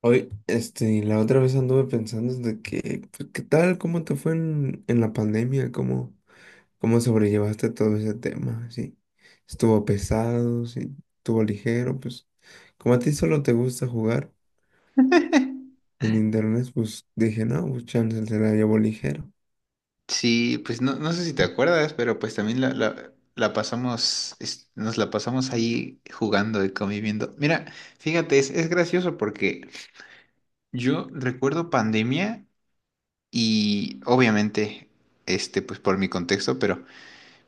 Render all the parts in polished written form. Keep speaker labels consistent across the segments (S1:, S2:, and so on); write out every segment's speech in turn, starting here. S1: Hoy, la otra vez anduve pensando de que, pues, ¿qué tal? ¿Cómo te fue en la pandemia? ¿Cómo, cómo sobrellevaste todo ese tema? ¿Sí? ¿Estuvo pesado? ¿Sí? ¿Estuvo ligero? Pues, como a ti solo te gusta jugar en internet, pues dije, no, pues chance se la llevo ligero.
S2: Sí, pues no, no sé si te acuerdas, pero pues también la pasamos, nos la pasamos ahí jugando y conviviendo. Mira, fíjate, es gracioso porque yo recuerdo pandemia y obviamente, pues por mi contexto, pero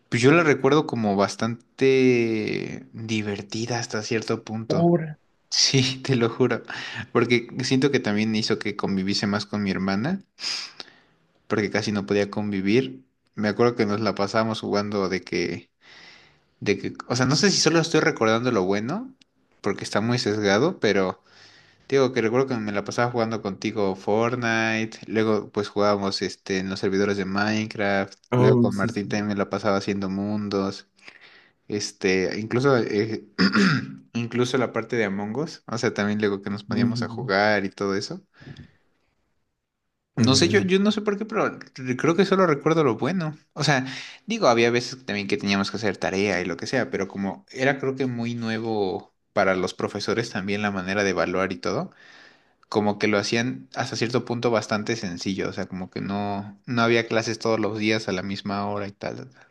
S2: pues yo la recuerdo como bastante divertida hasta cierto punto. Sí, te lo juro, porque siento que también hizo que conviviese más con mi hermana, porque casi no podía convivir. Me acuerdo que nos la pasábamos jugando de que, o sea, no sé si solo estoy recordando lo bueno, porque está muy sesgado, pero te digo que recuerdo que me la pasaba jugando contigo Fortnite, luego pues jugábamos en los servidores de Minecraft, luego
S1: Oh,
S2: con
S1: sí, sí.
S2: Martín también me la pasaba haciendo mundos, este, incluso incluso la parte de Among Us, o sea, también luego que nos poníamos a
S1: Ujú.
S2: jugar y todo eso.
S1: Es
S2: No sé,
S1: verdad.
S2: yo no sé por qué, pero creo que solo recuerdo lo bueno. O sea, digo, había veces también que teníamos que hacer tarea y lo que sea, pero como era creo que muy nuevo para los profesores también la manera de evaluar y todo, como que lo hacían hasta cierto punto bastante sencillo, o sea, como que no había clases todos los días a la misma hora y tal, tal, tal.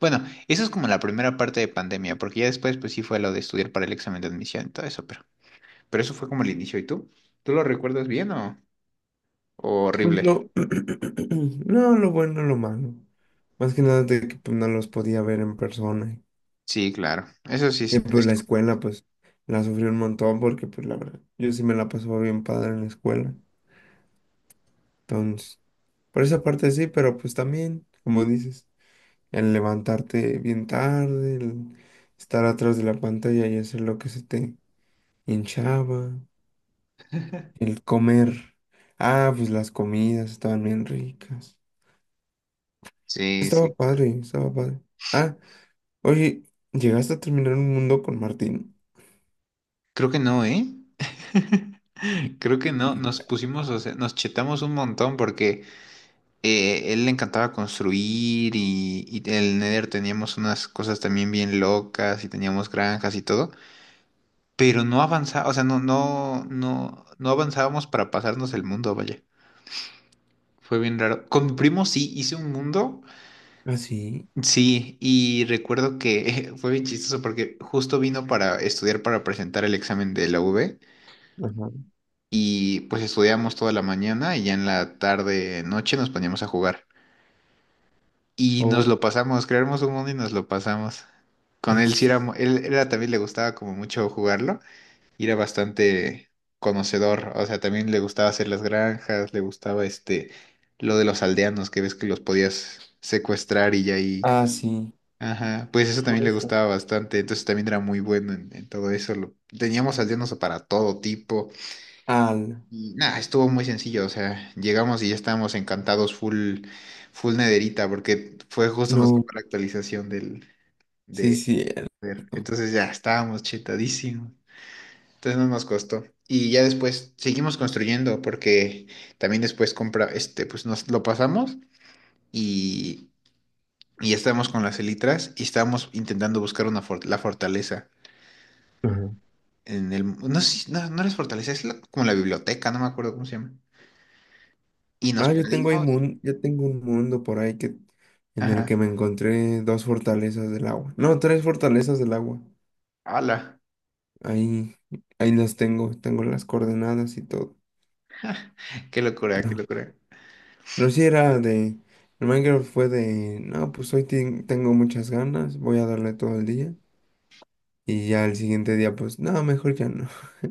S2: Bueno, eso es como la primera parte de pandemia, porque ya después pues sí fue lo de estudiar para el examen de admisión y todo eso, pero eso fue como el inicio. ¿Y tú? ¿Tú lo recuerdas bien o
S1: Pues
S2: horrible?
S1: lo, no, lo bueno, lo malo. Más que nada de que pues, no los podía ver en persona.
S2: Sí, claro. Eso sí,
S1: Y pues la
S2: esto.
S1: escuela, pues la sufrí un montón porque, pues la verdad, yo sí me la pasaba bien padre en la escuela. Entonces, por esa parte sí, pero pues también, como dices, el levantarte bien tarde, el estar atrás de la pantalla y hacer lo que se te hinchaba, el comer. Ah, pues las comidas estaban bien ricas.
S2: Sí,
S1: Estaba
S2: sí.
S1: padre, estaba padre. Ah, oye, llegaste a terminar un mundo con Martín.
S2: Creo que no, ¿eh? Creo que no.
S1: Sí.
S2: Nos pusimos, o sea, nos chetamos un montón porque él le encantaba construir y el Nether teníamos unas cosas también bien locas y teníamos granjas y todo, pero no avanzaba, o sea, no avanzábamos para pasarnos el mundo, vaya. Fue bien raro. Con mi primo sí hice un mundo,
S1: Ah, sí.
S2: sí, y recuerdo que fue bien chistoso porque justo vino para estudiar para presentar el examen de la U V,
S1: Ajá.
S2: y pues estudiamos toda la mañana y ya en la tarde, noche nos poníamos a jugar. Y nos
S1: Oh,
S2: lo pasamos, creamos un mundo y nos lo pasamos. Con él sí
S1: as-
S2: era, él era también le gustaba como mucho jugarlo y era bastante conocedor, o sea, también le gustaba hacer las granjas, le gustaba lo de los aldeanos, que ves que los podías secuestrar y ya ahí,
S1: ah, sí.
S2: ajá, pues eso también le
S1: Justo.
S2: gustaba bastante, entonces también era muy bueno en todo eso, teníamos aldeanos para todo tipo.
S1: Al.
S2: Y nada, estuvo muy sencillo, o sea, llegamos y ya estábamos encantados full, full nederita, porque fue justo nos
S1: No,
S2: tocó la actualización del,
S1: sí,
S2: de,
S1: sí. El…
S2: ver, entonces ya estábamos chetadísimos, entonces no nos costó. Y ya después seguimos construyendo, porque también después compra, pues nos lo pasamos y, y ya estábamos con las elitras y estábamos intentando buscar una la fortaleza
S1: Ajá.
S2: en el, no sé, no es fortaleza, como la biblioteca, no me acuerdo cómo se llama. Y nos
S1: Ah,
S2: perdimos,
S1: yo tengo un mundo por ahí que en el
S2: ajá,
S1: que me encontré dos fortalezas del agua. No, tres fortalezas del agua.
S2: ala.
S1: Ahí, ahí las tengo, tengo las coordenadas y todo.
S2: Qué locura, qué
S1: Pero,
S2: locura.
S1: pero sí era de. El Minecraft fue de. No, pues tengo muchas ganas, voy a darle todo el día. Y ya el siguiente día, pues, no, mejor ya no.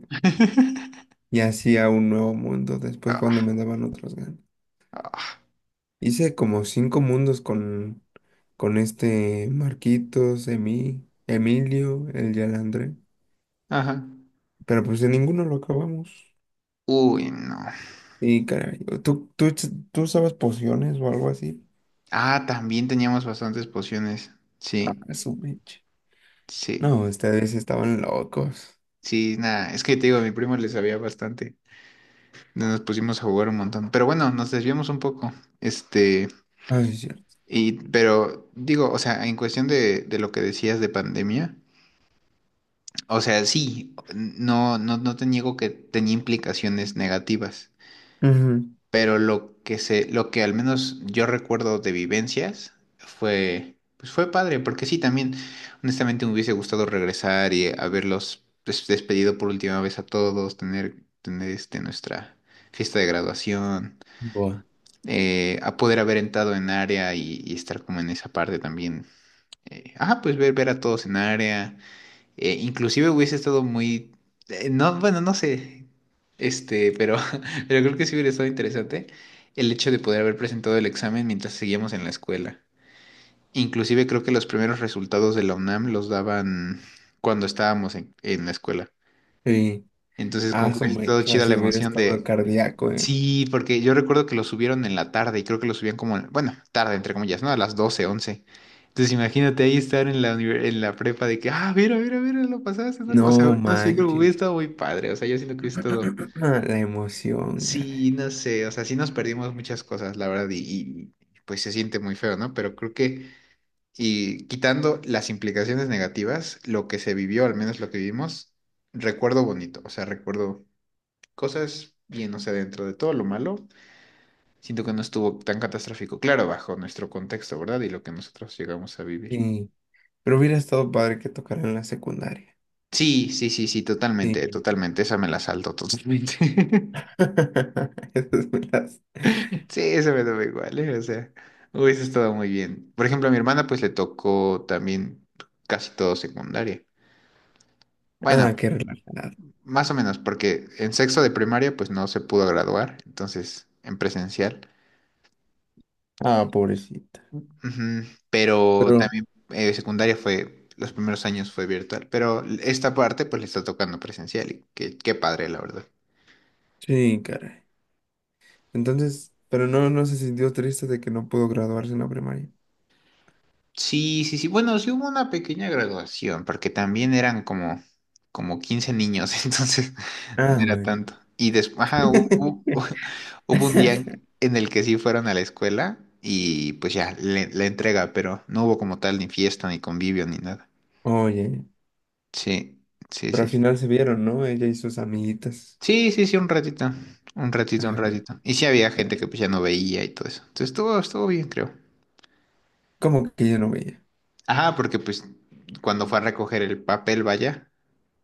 S1: Y hacía un nuevo mundo después cuando
S2: Ah,
S1: me daban otras ganas.
S2: ah,
S1: Hice como cinco mundos con este Marquitos, Emilio, el Yalandre.
S2: ajá.
S1: Pero pues de ninguno lo acabamos.
S2: Uy, no.
S1: Y caray, ¿ tú usabas pociones o algo así?
S2: Ah, también teníamos bastantes pociones. Sí,
S1: A su mecha.
S2: sí,
S1: No, ustedes estaban locos.
S2: sí, nada. Es que te digo, a mi primo le sabía bastante. No, nos pusimos a jugar un montón. Pero bueno, nos desviamos un poco. Este,
S1: Ah, sí, es cierto.
S2: pero digo, o sea, en cuestión de lo que decías de pandemia, o sea, sí, no te niego que tenía implicaciones negativas.
S1: Ujú.
S2: Pero lo lo que al menos yo recuerdo de vivencias fue, pues fue padre, porque sí, también, honestamente, me hubiese gustado regresar y haberlos despedido por última vez a todos, tener, tener nuestra fiesta de graduación,
S1: Buah.
S2: a poder haber entrado en área y estar como en esa parte también. Pues ver, ver a todos en área. Inclusive hubiese estado muy... no, bueno, no sé. Pero, pero creo que sí hubiera estado interesante el hecho de poder haber presentado el examen mientras seguíamos en la escuela. Inclusive creo que los primeros resultados de la UNAM los daban cuando estábamos en la escuela.
S1: Sí,
S2: Entonces como
S1: a
S2: que
S1: su
S2: hubiese estado
S1: mecha,
S2: chida
S1: si
S2: la
S1: hubiera
S2: emoción
S1: estado
S2: de,
S1: cardíaco, eh.
S2: sí, porque yo recuerdo que lo subieron en la tarde y creo que lo subían como, bueno, tarde, entre comillas, ¿no? A las 12 11. Entonces imagínate ahí estar en la, en la prepa de que, ah, mira, mira, mira, lo pasaste, ¿no? O sea,
S1: No
S2: no sé, creo que hubiera
S1: manches.
S2: estado muy padre. O sea, yo siento que hubiera estado...
S1: La emoción,
S2: Sí,
S1: caray.
S2: no sé, o sea, sí nos perdimos muchas cosas, la verdad, pues se siente muy feo, ¿no? Pero creo que, y quitando las implicaciones negativas, lo que se vivió, al menos lo que vivimos, recuerdo bonito, o sea, recuerdo cosas bien, o sea, dentro de todo lo malo siento que no estuvo tan catastrófico. Claro, bajo nuestro contexto, ¿verdad? Y lo que nosotros llegamos a vivir.
S1: Sí, pero hubiera estado padre que tocaran la secundaria.
S2: Sí, sí, sí, sí,
S1: Sí.
S2: totalmente, totalmente. Esa me la salto totalmente.
S1: Esas me las…
S2: Sí, esa me daba igual, ¿eh? O sea, hubiese estado muy bien. Por ejemplo, a mi hermana pues le tocó también casi todo secundaria. Bueno,
S1: Ah, qué relajada.
S2: más o menos, porque en sexto de primaria pues no se pudo graduar, entonces en presencial.
S1: Ah, pobrecita.
S2: Ujú. Pero
S1: Pero,
S2: también secundaria fue, los primeros años fue virtual, pero esta parte pues le está tocando presencial y qué, qué padre, la verdad.
S1: sí, caray. Entonces, pero no, no se sintió triste de que no pudo graduarse en la primaria.
S2: Sí, sí, sí, bueno, sí hubo una pequeña graduación, porque también eran como, como 15 niños, entonces no
S1: Ah,
S2: era
S1: bueno.
S2: tanto. Y después, ajá, hubo, hubo hubo un día en el que sí fueron a la escuela y pues ya, la entrega, pero no hubo como tal ni fiesta, ni convivio, ni nada.
S1: Oye,
S2: Sí, sí,
S1: pero
S2: sí,
S1: al
S2: sí.
S1: final se vieron, ¿no? Ella y sus amiguitas.
S2: Sí, sí, sí, un ratito. Un ratito, un
S1: Ah, ok.
S2: ratito. Y sí había gente que pues ya no veía y todo eso. Entonces estuvo, estuvo bien, creo.
S1: ¿Cómo que yo no veía?
S2: Ajá, porque pues cuando fue a recoger el papel, vaya,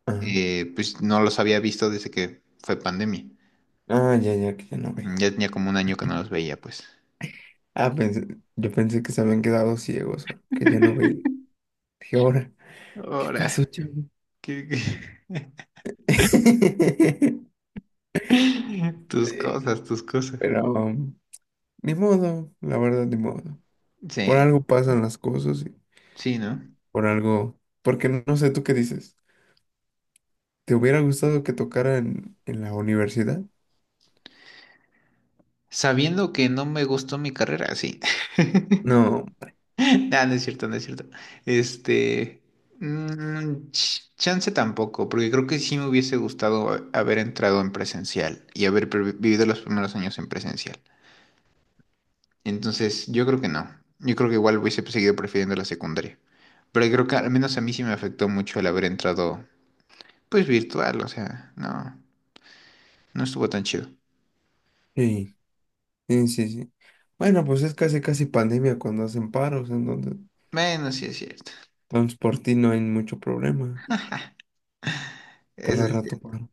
S1: Ah,
S2: pues no los había visto desde que fue pandemia.
S1: ah, ya, ya, que ya no veía.
S2: Ujú, ya tenía como un año que no los veía, pues.
S1: Ah, pensé, yo pensé que se habían quedado ciegos, ¿no? Que ya no veía. Dije, ahora, ¿qué
S2: Ahora,
S1: pasó, chavo?
S2: qué- qué- Tus
S1: Sí,
S2: cosas, tus cosas.
S1: pero, ni modo, la verdad, ni modo. Por
S2: Sí,
S1: algo pasan las cosas y
S2: sí, ¿no?
S1: por algo… Porque no no sé, ¿tú qué dices? ¿Te hubiera gustado que tocara en la universidad?
S2: Sabiendo que no me gustó mi carrera, sí.
S1: No,
S2: Nah, no es cierto, no es cierto. Este, chance tampoco, porque creo que sí me hubiese gustado haber entrado en presencial y haber vivido los primeros años en presencial. Entonces, yo creo que no. Yo creo que igual hubiese seguido prefiriendo la secundaria. Pero creo que al menos a mí sí me afectó mucho el haber entrado, pues virtual, o sea, no, no estuvo tan chido.
S1: sí, sí, sí, sí. Bueno, pues es casi, casi pandemia cuando hacen paros, entonces
S2: Bueno, sí es cierto.
S1: entonces por ti no hay mucho problema.
S2: Eso
S1: Cada
S2: es
S1: rato
S2: cierto.
S1: paro.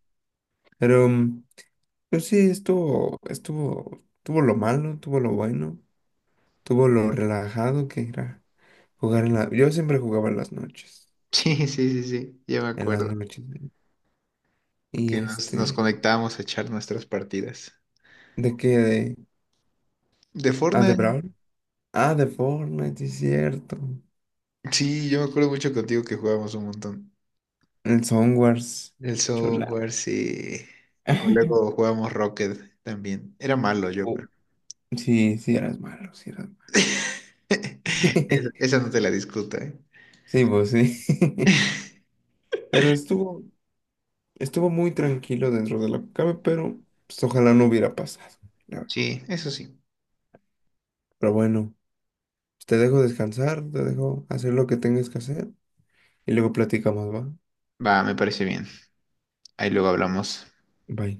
S1: Pero, mm, pues sí, estuvo, estuvo, tuvo lo malo, tuvo lo bueno, tuvo lo relajado que era jugar en la… Yo siempre jugaba en las noches,
S2: Sí, sí, sí, sí, ya me
S1: en las
S2: acuerdo
S1: noches. ¿No?
S2: que
S1: Y
S2: nos
S1: este,
S2: conectábamos a echar nuestras partidas.
S1: ¿de qué? De,
S2: De
S1: ah, de
S2: Fortnite.
S1: Brawl. Ah, de Fortnite, sí es cierto.
S2: Sí, yo me acuerdo mucho contigo que jugábamos un montón.
S1: El Songwars.
S2: El
S1: Chula.
S2: software, sí. O luego jugábamos Rocket también. Era malo yo,
S1: Oh,
S2: pero.
S1: sí, sí, eras malo, sí, eras malo.
S2: Esa esa no te la discuta, ¿eh?
S1: Sí, pues sí. Pero estuvo, estuvo muy tranquilo dentro de la que cabe, pero pues, ojalá no hubiera pasado. La verdad.
S2: Sí, eso sí.
S1: Pero bueno, te dejo descansar, te dejo hacer lo que tengas que hacer y luego platicamos, ¿va?
S2: Va, me parece bien. Ahí luego hablamos.
S1: Bye.